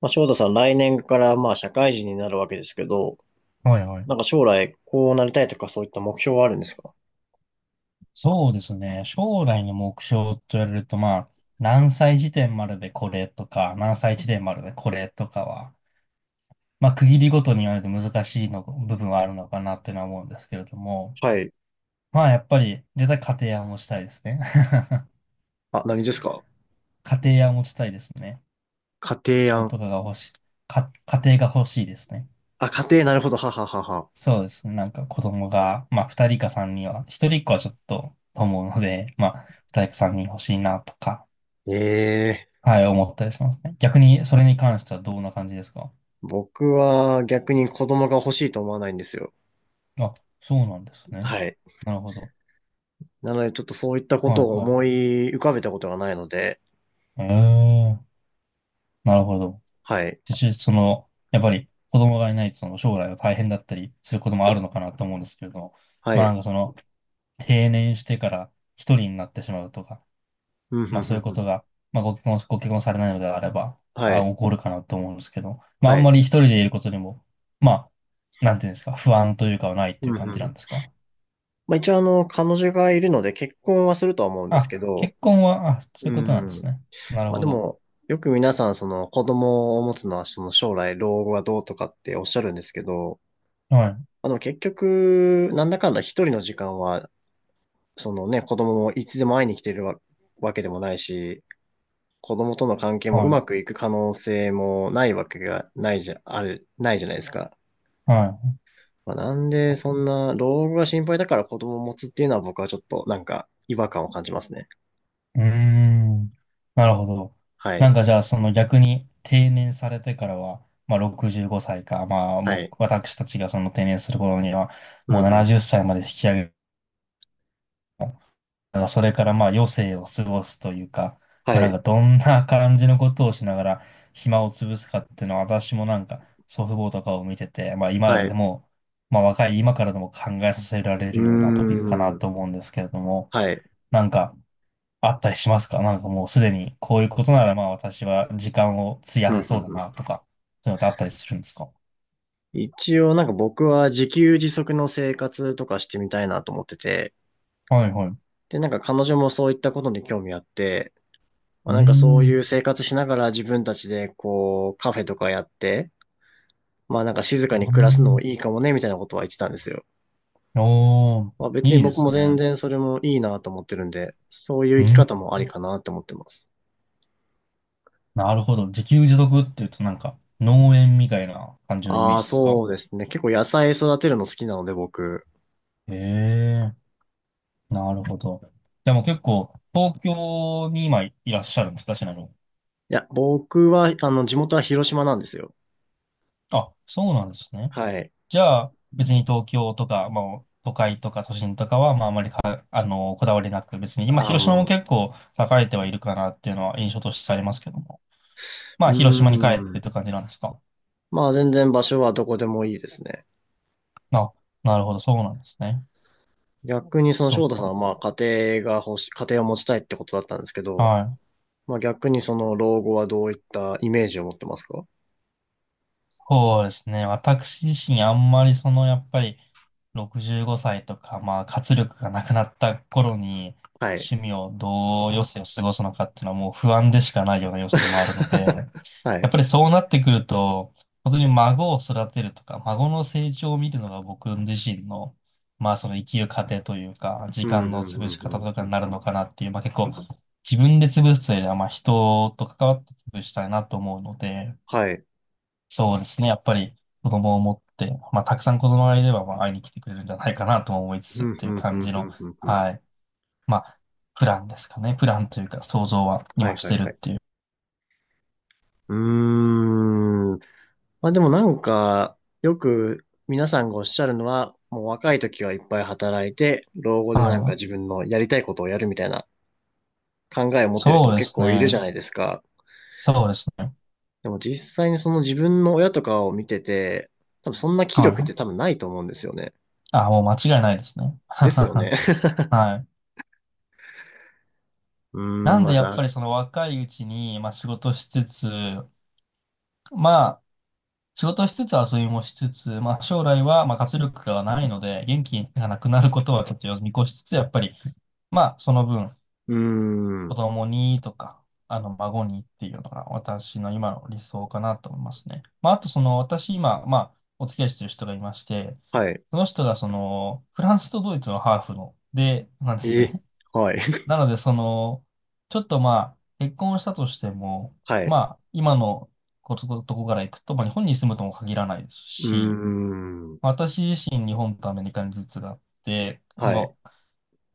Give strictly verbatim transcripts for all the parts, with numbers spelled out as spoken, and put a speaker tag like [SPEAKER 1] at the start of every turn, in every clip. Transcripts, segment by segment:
[SPEAKER 1] まあ、翔太さん、来年からまあ社会人になるわけですけど、
[SPEAKER 2] はいはい。
[SPEAKER 1] なんか将来こうなりたいとかそういった目標はあるんですか？
[SPEAKER 2] そうですね。将来の目標と言われると、まあ、何歳時点まででこれとか、何歳時点まででこれとかは、まあ、区切りごとに言われて難しいの、部分はあるのかなっていうのは思うんですけれども、
[SPEAKER 1] はい。
[SPEAKER 2] まあ、やっぱり、絶対家庭は持ちたいですね。
[SPEAKER 1] あ、何ですか？
[SPEAKER 2] 家庭は持ちたいですね。
[SPEAKER 1] 家庭
[SPEAKER 2] 子供
[SPEAKER 1] 案。
[SPEAKER 2] とかが欲しい。か、家庭が欲しいですね。
[SPEAKER 1] あ、家庭、なるほど。はははは。
[SPEAKER 2] そうですね。なんか子供が、まあ、二人か三人は、ひとりっこはちょっと、と思うので、まあ、二人か三人欲しいなとか、
[SPEAKER 1] ええ、
[SPEAKER 2] はい、思ったりしますね。逆に、それに関してはどんな感じですか？
[SPEAKER 1] 僕は逆に子供が欲しいと思わないんですよ。
[SPEAKER 2] あ、そうなんですね。
[SPEAKER 1] はい。
[SPEAKER 2] なるほど。
[SPEAKER 1] なのでちょっとそういったこ
[SPEAKER 2] は
[SPEAKER 1] とを
[SPEAKER 2] い、はい。
[SPEAKER 1] 思い浮かべたことがないので、
[SPEAKER 2] ええ、なるほど。
[SPEAKER 1] はい。
[SPEAKER 2] 実その、やっぱり子供がいないと、その将来は大変だったりすることもあるのかなと思うんですけれども、
[SPEAKER 1] は
[SPEAKER 2] まあな
[SPEAKER 1] い。
[SPEAKER 2] んかその、定年してから一人になってしまうとか、
[SPEAKER 1] うん、ふ
[SPEAKER 2] まあ
[SPEAKER 1] ん
[SPEAKER 2] そ
[SPEAKER 1] ふ
[SPEAKER 2] うい
[SPEAKER 1] ん
[SPEAKER 2] うこ
[SPEAKER 1] ふ
[SPEAKER 2] と
[SPEAKER 1] ん。
[SPEAKER 2] が、まあご結婚、ご結婚されないのであれば、
[SPEAKER 1] は
[SPEAKER 2] あ、
[SPEAKER 1] い。
[SPEAKER 2] 起こるかなと思うんですけど、まああ
[SPEAKER 1] は
[SPEAKER 2] ん
[SPEAKER 1] い。
[SPEAKER 2] まり一人でいることにも、まあ、なんていうんですか、不安というかはないってい
[SPEAKER 1] う
[SPEAKER 2] う
[SPEAKER 1] ん、ふ
[SPEAKER 2] 感じなん
[SPEAKER 1] ん。
[SPEAKER 2] ですか？
[SPEAKER 1] まあ一応あの、彼女がいるので結婚はするとは思うんです
[SPEAKER 2] あ、
[SPEAKER 1] けど、
[SPEAKER 2] 結婚は、あ、そういう
[SPEAKER 1] う
[SPEAKER 2] ことなんです
[SPEAKER 1] ん。
[SPEAKER 2] ね。なる
[SPEAKER 1] まあ
[SPEAKER 2] ほ
[SPEAKER 1] で
[SPEAKER 2] ど。
[SPEAKER 1] も、よく皆さん、その子供を持つのは、その将来老後はどうとかっておっしゃるんですけど、
[SPEAKER 2] はい、
[SPEAKER 1] あの結局、なんだかんだ一人の時間は、そのね、子供もいつでも会いに来てるわ、わけでもないし、子供との関係もう
[SPEAKER 2] は
[SPEAKER 1] ま
[SPEAKER 2] い、
[SPEAKER 1] くいく可能性もないわけがないじゃ、ある、ないじゃないですか。
[SPEAKER 2] は
[SPEAKER 1] まあ、なんで、そんな、老後が心配だから子供を持つっていうのは僕はちょっとなんか違和感を感じますね。
[SPEAKER 2] い。うーん。なるほど。
[SPEAKER 1] は
[SPEAKER 2] なん
[SPEAKER 1] い。
[SPEAKER 2] かじゃあ、その逆に定年されてからは、まあろくじゅうごさいか、まあ
[SPEAKER 1] は
[SPEAKER 2] 僕、
[SPEAKER 1] い。
[SPEAKER 2] 私たちがその定年する頃には、
[SPEAKER 1] うん
[SPEAKER 2] もう
[SPEAKER 1] う
[SPEAKER 2] 70
[SPEAKER 1] ん。
[SPEAKER 2] 歳まで引き上げ、まあ、それからまあ余生を過ごすというか、まあ
[SPEAKER 1] は
[SPEAKER 2] なん
[SPEAKER 1] い。
[SPEAKER 2] かどんな感じのことをしながら暇を潰すかっていうのは私もなんか祖父母とかを見てて、まあ今ま
[SPEAKER 1] は
[SPEAKER 2] でで
[SPEAKER 1] い。
[SPEAKER 2] も、まあ若い今からでも考えさせられ
[SPEAKER 1] うー
[SPEAKER 2] るようなトピックかな
[SPEAKER 1] ん。
[SPEAKER 2] と思うんですけれども、
[SPEAKER 1] はい。
[SPEAKER 2] なんかあったりしますか？なんかもうすでにこういうことならまあ私は時間を費や
[SPEAKER 1] う
[SPEAKER 2] せ
[SPEAKER 1] んう
[SPEAKER 2] そう
[SPEAKER 1] ん
[SPEAKER 2] だ
[SPEAKER 1] う
[SPEAKER 2] な
[SPEAKER 1] ん。
[SPEAKER 2] とか、そういうのってあったりするんですか？
[SPEAKER 1] 一応なんか僕は自給自足の生活とかしてみたいなと思ってて、
[SPEAKER 2] はいはい。う
[SPEAKER 1] で、なんか彼女もそういったことに興味あって、ま
[SPEAKER 2] ー
[SPEAKER 1] あなんかそうい
[SPEAKER 2] ん。
[SPEAKER 1] う生活しながら自分たちでこうカフェとかやって、まあなんか静
[SPEAKER 2] う
[SPEAKER 1] か
[SPEAKER 2] ー
[SPEAKER 1] に暮らすのも
[SPEAKER 2] ん。
[SPEAKER 1] いいかもねみたいなことは言ってたんですよ。
[SPEAKER 2] おー、
[SPEAKER 1] まあ別に
[SPEAKER 2] いいで
[SPEAKER 1] 僕も
[SPEAKER 2] す
[SPEAKER 1] 全
[SPEAKER 2] ね。
[SPEAKER 1] 然それもいいなと思ってるんで、そうい
[SPEAKER 2] う
[SPEAKER 1] う
[SPEAKER 2] ー
[SPEAKER 1] 生き
[SPEAKER 2] ん。
[SPEAKER 1] 方もありかなって思ってます。
[SPEAKER 2] なるほど。自給自足っていうとなんか農園みたいな感じのイメー
[SPEAKER 1] ああ、
[SPEAKER 2] ジです
[SPEAKER 1] そ
[SPEAKER 2] か？
[SPEAKER 1] うですね。結構野菜育てるの好きなので僕。
[SPEAKER 2] へえ、なるほど。でも結構東京に今いらっしゃるんですか、しなの。
[SPEAKER 1] いや、僕は、あの、地元は広島なんですよ。
[SPEAKER 2] あ、そうなんですね。
[SPEAKER 1] はい。
[SPEAKER 2] じゃあ別に東京とか、まあ、都会とか都心とかは、まあ、あまりか、あの、こだわりなく、別に今
[SPEAKER 1] あ
[SPEAKER 2] 広
[SPEAKER 1] の、
[SPEAKER 2] 島も
[SPEAKER 1] も
[SPEAKER 2] 結構栄えてはいるかなっていうのは印象としてありますけども。ま
[SPEAKER 1] う
[SPEAKER 2] あ広島に帰っ
[SPEAKER 1] う
[SPEAKER 2] てっ
[SPEAKER 1] ー
[SPEAKER 2] て感じなんですか。
[SPEAKER 1] まあ全然場所はどこでもいいですね。
[SPEAKER 2] あ、なるほど。そうなんですね。
[SPEAKER 1] 逆にその
[SPEAKER 2] そ
[SPEAKER 1] 翔
[SPEAKER 2] う
[SPEAKER 1] 太さんは
[SPEAKER 2] か。
[SPEAKER 1] まあ家庭が欲し、家庭を持ちたいってことだったんですけど、
[SPEAKER 2] はい。
[SPEAKER 1] まあ逆にその老後はどういったイメージを持ってますか？
[SPEAKER 2] そうですね。私自身あんまりそのやっぱりろくじゅうごさいとか、まあ活力がなくなった頃に
[SPEAKER 1] はい。
[SPEAKER 2] 趣味をどう余生を過ごすのかっていうのはもう不安でしかないような要素でもあるので、や
[SPEAKER 1] は
[SPEAKER 2] っ
[SPEAKER 1] い。
[SPEAKER 2] ぱりそうなってくると、本当に孫を育てるとか、孫の成長を見るのが僕自身の、まあその生きる過程というか、時
[SPEAKER 1] うん、う
[SPEAKER 2] 間の
[SPEAKER 1] ん、
[SPEAKER 2] 潰
[SPEAKER 1] う
[SPEAKER 2] し
[SPEAKER 1] ん、
[SPEAKER 2] 方
[SPEAKER 1] うん。
[SPEAKER 2] とか
[SPEAKER 1] う
[SPEAKER 2] に
[SPEAKER 1] ん。
[SPEAKER 2] なるのかなっていう、まあ結構自分で潰すというよりは、まあ人と関わって潰したいなと思うので、
[SPEAKER 1] はい。
[SPEAKER 2] そうですね。やっぱり子供を持って、まあ、たくさん子供がいれば、まあ、会いに来てくれるんじゃないかなとも思いつつ
[SPEAKER 1] う
[SPEAKER 2] っ
[SPEAKER 1] ん、う
[SPEAKER 2] ていう
[SPEAKER 1] ん、う
[SPEAKER 2] 感じ
[SPEAKER 1] ん、う
[SPEAKER 2] の、
[SPEAKER 1] ん、うん。うん。
[SPEAKER 2] はい。まあ、プランですかね。プランというか、想像は
[SPEAKER 1] はい、
[SPEAKER 2] 今し
[SPEAKER 1] はい、
[SPEAKER 2] てる
[SPEAKER 1] は
[SPEAKER 2] っ
[SPEAKER 1] い。
[SPEAKER 2] ていう。
[SPEAKER 1] うーん。まあでもなんか、よく皆さんがおっしゃるのは、もう若い時はいっぱい働いて、老後で
[SPEAKER 2] は
[SPEAKER 1] なんか
[SPEAKER 2] い。
[SPEAKER 1] 自分のやりたいことをやるみたいな考えを持ってる人
[SPEAKER 2] そう
[SPEAKER 1] も
[SPEAKER 2] で
[SPEAKER 1] 結
[SPEAKER 2] す
[SPEAKER 1] 構いるじゃ
[SPEAKER 2] ね。
[SPEAKER 1] ないですか。
[SPEAKER 2] そうですね。
[SPEAKER 1] でも実際にその自分の親とかを見てて、多分そんな気
[SPEAKER 2] は
[SPEAKER 1] 力って
[SPEAKER 2] い。
[SPEAKER 1] 多分ないと思うんですよね。
[SPEAKER 2] あ、もう間違いないですね。
[SPEAKER 1] ですよね。
[SPEAKER 2] はい。
[SPEAKER 1] うー
[SPEAKER 2] な
[SPEAKER 1] ん、
[SPEAKER 2] んで、
[SPEAKER 1] ま
[SPEAKER 2] やっぱり
[SPEAKER 1] だ。
[SPEAKER 2] その若いうちに、まあ、仕事しつつ、まあ、仕事しつつ遊びもしつつ、まあ、将来はまあ活力がないので、元気がなくなることはちょっと見越しつつ、やっぱり、まあ、その分、
[SPEAKER 1] うー
[SPEAKER 2] 子
[SPEAKER 1] ん。
[SPEAKER 2] 供にとか、あの、孫にっていうのが私の今の理想かなと思いますね。まあ、あと、その、私今、まあ、お付き合いしてる人がいまして、
[SPEAKER 1] はい。
[SPEAKER 2] その人が、その、フランスとドイツのハーフの、で、なんです
[SPEAKER 1] え、
[SPEAKER 2] ね。
[SPEAKER 1] はい。
[SPEAKER 2] なので、その、ちょっとまあ、結婚したとしても、
[SPEAKER 1] は
[SPEAKER 2] ま
[SPEAKER 1] い。
[SPEAKER 2] あ、今のこつことこから行くと、まあ、日本に住むとも限らないです
[SPEAKER 1] うー
[SPEAKER 2] し、
[SPEAKER 1] ん。
[SPEAKER 2] 私自身、日本とアメリカにルーツがあって、そ
[SPEAKER 1] はい。
[SPEAKER 2] の、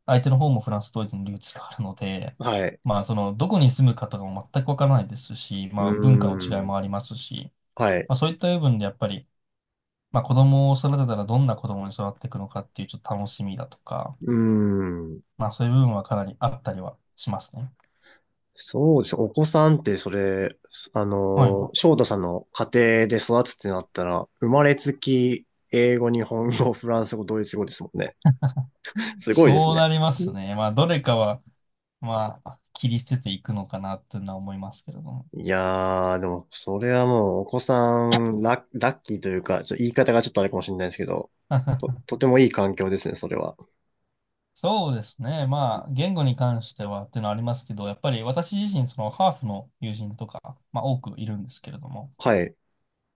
[SPEAKER 2] 相手の方もフランス、ドイツにルーツがあるので、
[SPEAKER 1] はい。
[SPEAKER 2] まあ、その、どこに住むかとかも全くわからないですし、
[SPEAKER 1] う
[SPEAKER 2] まあ、文化の違い
[SPEAKER 1] ーん。
[SPEAKER 2] もありますし、
[SPEAKER 1] はい。
[SPEAKER 2] まあ、そういった部分でやっぱり、まあ、子供を育てたらどんな子供に育っていくのかっていうちょっと楽しみだとか、
[SPEAKER 1] うーん。
[SPEAKER 2] まあ、そういう部分はかなりあったりはしますね。
[SPEAKER 1] そうです。お子さんってそれ、あ
[SPEAKER 2] はい。
[SPEAKER 1] の、翔太さんの家庭で育つってなったら、生まれつき英語、日本語、フランス語、ドイツ語ですもんね。すごいです
[SPEAKER 2] そうな
[SPEAKER 1] ね。
[SPEAKER 2] りますね。まあ、どれかは、まあ、切り捨てていくのかなっていうのは思いますけれども。
[SPEAKER 1] いやー、でも、それはもう、お子さん、ラ、ラッキーというか、ちょっと言い方がちょっとあれかもしれないですけど、と、とてもいい環境ですね、それは。
[SPEAKER 2] そうですね。まあ、言語に関してはっていうのはありますけど、やっぱり私自身、そのハーフの友人とか、まあ、多くいるんですけれども、
[SPEAKER 1] はい、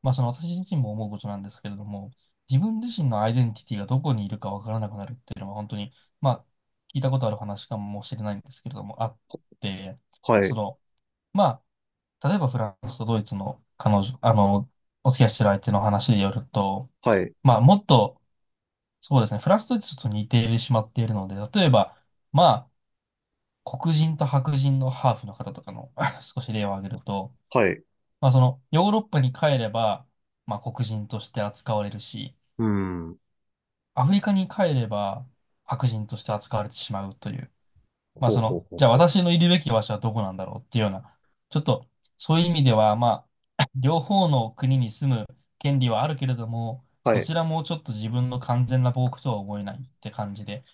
[SPEAKER 2] まあ、その私自身も思うことなんですけれども、自分自身のアイデンティティがどこにいるかわからなくなるっていうのは、本当に、まあ、聞いたことある話かもしれないんですけれども、あって、
[SPEAKER 1] は
[SPEAKER 2] そ
[SPEAKER 1] い、
[SPEAKER 2] の、まあ例えばフランスとドイツの彼女、あの、お付き合いしてる相手の話によると、
[SPEAKER 1] はい、
[SPEAKER 2] まあもっと、そうですね、フランスとドイツと似てしまっているので、例えば、まあ、黒人と白人のハーフの方とかの 少し例を挙げると、
[SPEAKER 1] はい。
[SPEAKER 2] まあその、ヨーロッパに帰れば、まあ黒人として扱われるし、
[SPEAKER 1] うん。
[SPEAKER 2] アフリカに帰れば白人として扱われてしまうという、まあ
[SPEAKER 1] ほう
[SPEAKER 2] そ
[SPEAKER 1] ほう
[SPEAKER 2] の、
[SPEAKER 1] ほ
[SPEAKER 2] じ
[SPEAKER 1] う
[SPEAKER 2] ゃあ
[SPEAKER 1] ほう。
[SPEAKER 2] 私のいるべき場所はどこなんだろうっていうような、ちょっとそういう意味では、まあ、両方の国に住む権利はあるけれども、
[SPEAKER 1] は
[SPEAKER 2] ど
[SPEAKER 1] い。
[SPEAKER 2] ちらもちょっと自分の完全な母国とは思えないって感じで、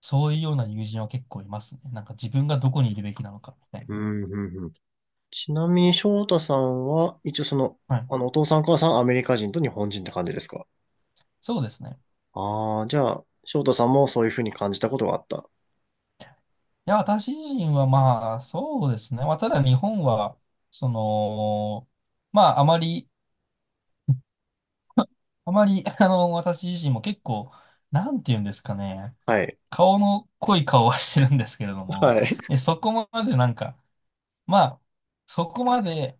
[SPEAKER 2] そういうような友人は結構いますね。なんか自分がどこにいるべきなのかみたいな。
[SPEAKER 1] うん、うん、うん。ちなみに、翔太さんは、一応その、
[SPEAKER 2] はい。
[SPEAKER 1] あの、お父さん、お母さん、アメリカ人と日本人って感じですか？
[SPEAKER 2] そうですね。
[SPEAKER 1] ああー、じゃあ、翔太さんもそういうふうに感じたことがあった。
[SPEAKER 2] いや、私自身はまあ、そうですね。まあ、ただ日本は、その、まあ、あまり、あまり、あの、私自身も結構、なんて言うんですかね。
[SPEAKER 1] はい、
[SPEAKER 2] 顔の濃い顔はしてるんですけれども、
[SPEAKER 1] はい。
[SPEAKER 2] え、そこまでなんか、まあ、そこまで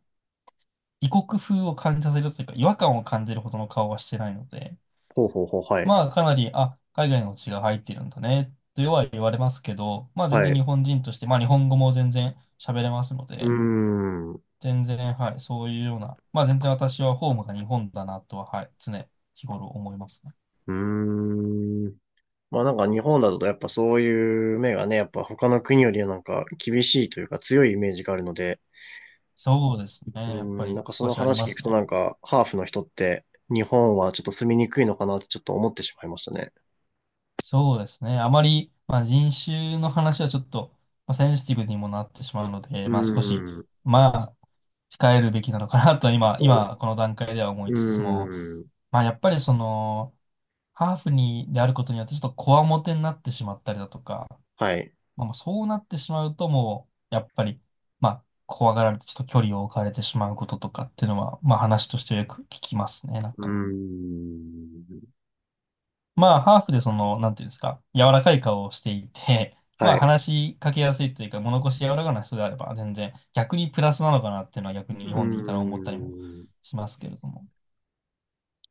[SPEAKER 2] 異国風を感じさせるというか、違和感を感じるほどの顔はしてないので、
[SPEAKER 1] ほうほうほう、はい、
[SPEAKER 2] まあ、かなり、あ、海外の血が入ってるんだね、とは言われますけど、まあ、全
[SPEAKER 1] は
[SPEAKER 2] 然日
[SPEAKER 1] い。
[SPEAKER 2] 本人として、まあ、日本語も全然喋れますの
[SPEAKER 1] うー
[SPEAKER 2] で、
[SPEAKER 1] ん、う
[SPEAKER 2] 全然、はい、そういうような、まあ、全然私はホームが日本だなとは、はい、常日頃思いますね。
[SPEAKER 1] ーん。まあなんか日本だとやっぱそういう目がね、やっぱ他の国よりなんか厳しいというか強いイメージがあるので、
[SPEAKER 2] そうですね、
[SPEAKER 1] う
[SPEAKER 2] やっぱ
[SPEAKER 1] ん、な
[SPEAKER 2] り
[SPEAKER 1] んかそ
[SPEAKER 2] 少
[SPEAKER 1] の
[SPEAKER 2] しありま
[SPEAKER 1] 話聞く
[SPEAKER 2] す
[SPEAKER 1] と
[SPEAKER 2] ね。
[SPEAKER 1] なんかハーフの人って日本はちょっと住みにくいのかなってちょっと思ってしまいましたね。
[SPEAKER 2] そうですね。あまり、まあ、人種の話はちょっと、まあ、センシティブにもなってしまうので、
[SPEAKER 1] う
[SPEAKER 2] まあ、少し、
[SPEAKER 1] ん、
[SPEAKER 2] まあ、控えるべきなのかなと今、
[SPEAKER 1] そうで
[SPEAKER 2] 今、
[SPEAKER 1] す。
[SPEAKER 2] この段階では思い
[SPEAKER 1] う
[SPEAKER 2] つつも、
[SPEAKER 1] ん、
[SPEAKER 2] まあ、やっぱりその、ハーフに、であることによって、ちょっとこわもてになってしまったりだとか、
[SPEAKER 1] はい。
[SPEAKER 2] まあ、もうそうなってしまうと、もう、やっぱり、まあ、怖がられて、ちょっと距離を置かれてしまうこととかっていうのは、まあ、話としてよく聞きますね、なん
[SPEAKER 1] う
[SPEAKER 2] か。
[SPEAKER 1] ん、
[SPEAKER 2] まあ、ハーフでその、なんていうんですか、柔らかい顔をしていて、ま
[SPEAKER 1] は
[SPEAKER 2] あ、
[SPEAKER 1] い。
[SPEAKER 2] 話しかけやすいというか、物腰柔らかな人であれば、全然、逆にプラスなのかなっていうのは、逆に
[SPEAKER 1] う
[SPEAKER 2] 日本でいたら思ったりも
[SPEAKER 1] ん。
[SPEAKER 2] しますけれども。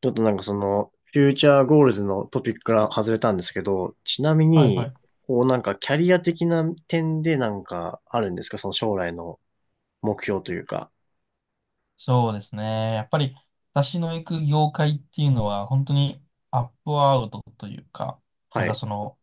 [SPEAKER 1] ちょっとなんかその、フューチャーゴールズのトピックから外れたんですけど、ちなみ
[SPEAKER 2] はいは
[SPEAKER 1] に、
[SPEAKER 2] い。
[SPEAKER 1] こうなんかキャリア的な点でなんかあるんですか、その将来の目標というか。
[SPEAKER 2] そうですね。やっぱり、私の行く業界っていうのは、本当にアップアウトというか、な
[SPEAKER 1] は
[SPEAKER 2] んか
[SPEAKER 1] い。
[SPEAKER 2] その、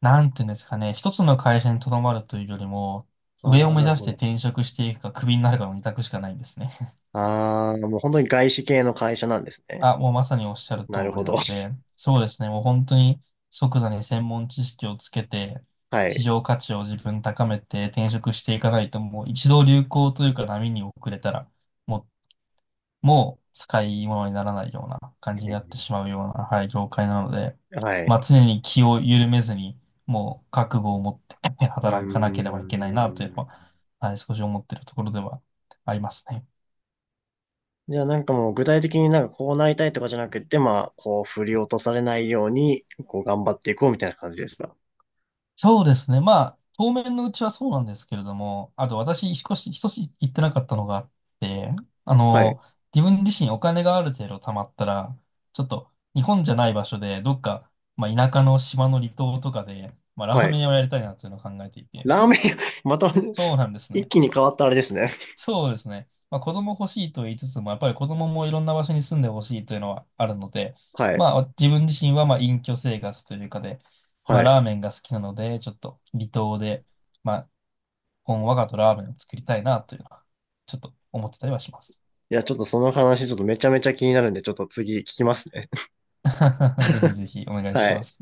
[SPEAKER 2] なんていうんですかね、一つの会社にとどまるというよりも、上
[SPEAKER 1] あ
[SPEAKER 2] を
[SPEAKER 1] あ、
[SPEAKER 2] 目
[SPEAKER 1] なる
[SPEAKER 2] 指し
[SPEAKER 1] ほ
[SPEAKER 2] て
[SPEAKER 1] ど。
[SPEAKER 2] 転職していくか、クビになるかの二択しかないんですね。
[SPEAKER 1] ああ、もう本当に外資系の会社なんですね。
[SPEAKER 2] あ、もうまさにおっしゃる通
[SPEAKER 1] なる
[SPEAKER 2] り
[SPEAKER 1] ほ
[SPEAKER 2] な
[SPEAKER 1] ど。
[SPEAKER 2] ので、そうですね、もう本当に即座に専門知識をつけて、
[SPEAKER 1] は
[SPEAKER 2] 市
[SPEAKER 1] い。
[SPEAKER 2] 場価値を自分高めて転職していかないと、もう一度流行というか波に遅れたら、もう、もう使い物にならないような感じになってしまうような、はい、業界なので、
[SPEAKER 1] はい。
[SPEAKER 2] まあ常に気を緩めずに、もう覚悟を持って
[SPEAKER 1] うー
[SPEAKER 2] 働かなければいけないなという
[SPEAKER 1] ん。
[SPEAKER 2] のは、はい、少し思っているところではありますね。
[SPEAKER 1] じゃあなんかもう具体的になんかこうなりたいとかじゃなくて、まあ、こう振り落とされないように、こう頑張っていこうみたいな感じですか？
[SPEAKER 2] そうですね。まあ、当面のうちはそうなんですけれども、あと私、少し、一つ言ってなかったのがあって、あ
[SPEAKER 1] はい。
[SPEAKER 2] の、自分自身お金がある程度貯まったら、ちょっと日本じゃない場所で、どっか、まあ、田舎の島の離島とかで、まあ、ラ
[SPEAKER 1] は
[SPEAKER 2] ー
[SPEAKER 1] い。
[SPEAKER 2] メン屋をやりたいなっていうのを考えていて。
[SPEAKER 1] ラーメン屋、また
[SPEAKER 2] そうなんで す
[SPEAKER 1] 一
[SPEAKER 2] ね。
[SPEAKER 1] 気に変わったあれですね。
[SPEAKER 2] そうですね。まあ、子供欲しいと言いつつも、やっぱり子供もいろんな場所に住んでほしいというのはあるので、
[SPEAKER 1] はい。
[SPEAKER 2] まあ、自分自身はまあ隠居生活というかで、ま
[SPEAKER 1] は
[SPEAKER 2] あ、
[SPEAKER 1] い。
[SPEAKER 2] ラーメンが好きなので、ちょっと離島で、まあ、本わがとラーメンを作りたいなというのは、ちょっと思ってたりはします。
[SPEAKER 1] いや、ちょっとその話、ちょっとめちゃめちゃ気になるんで、ちょっと次聞きますね。
[SPEAKER 2] ぜひぜひお願いし
[SPEAKER 1] は
[SPEAKER 2] ま
[SPEAKER 1] い。
[SPEAKER 2] す。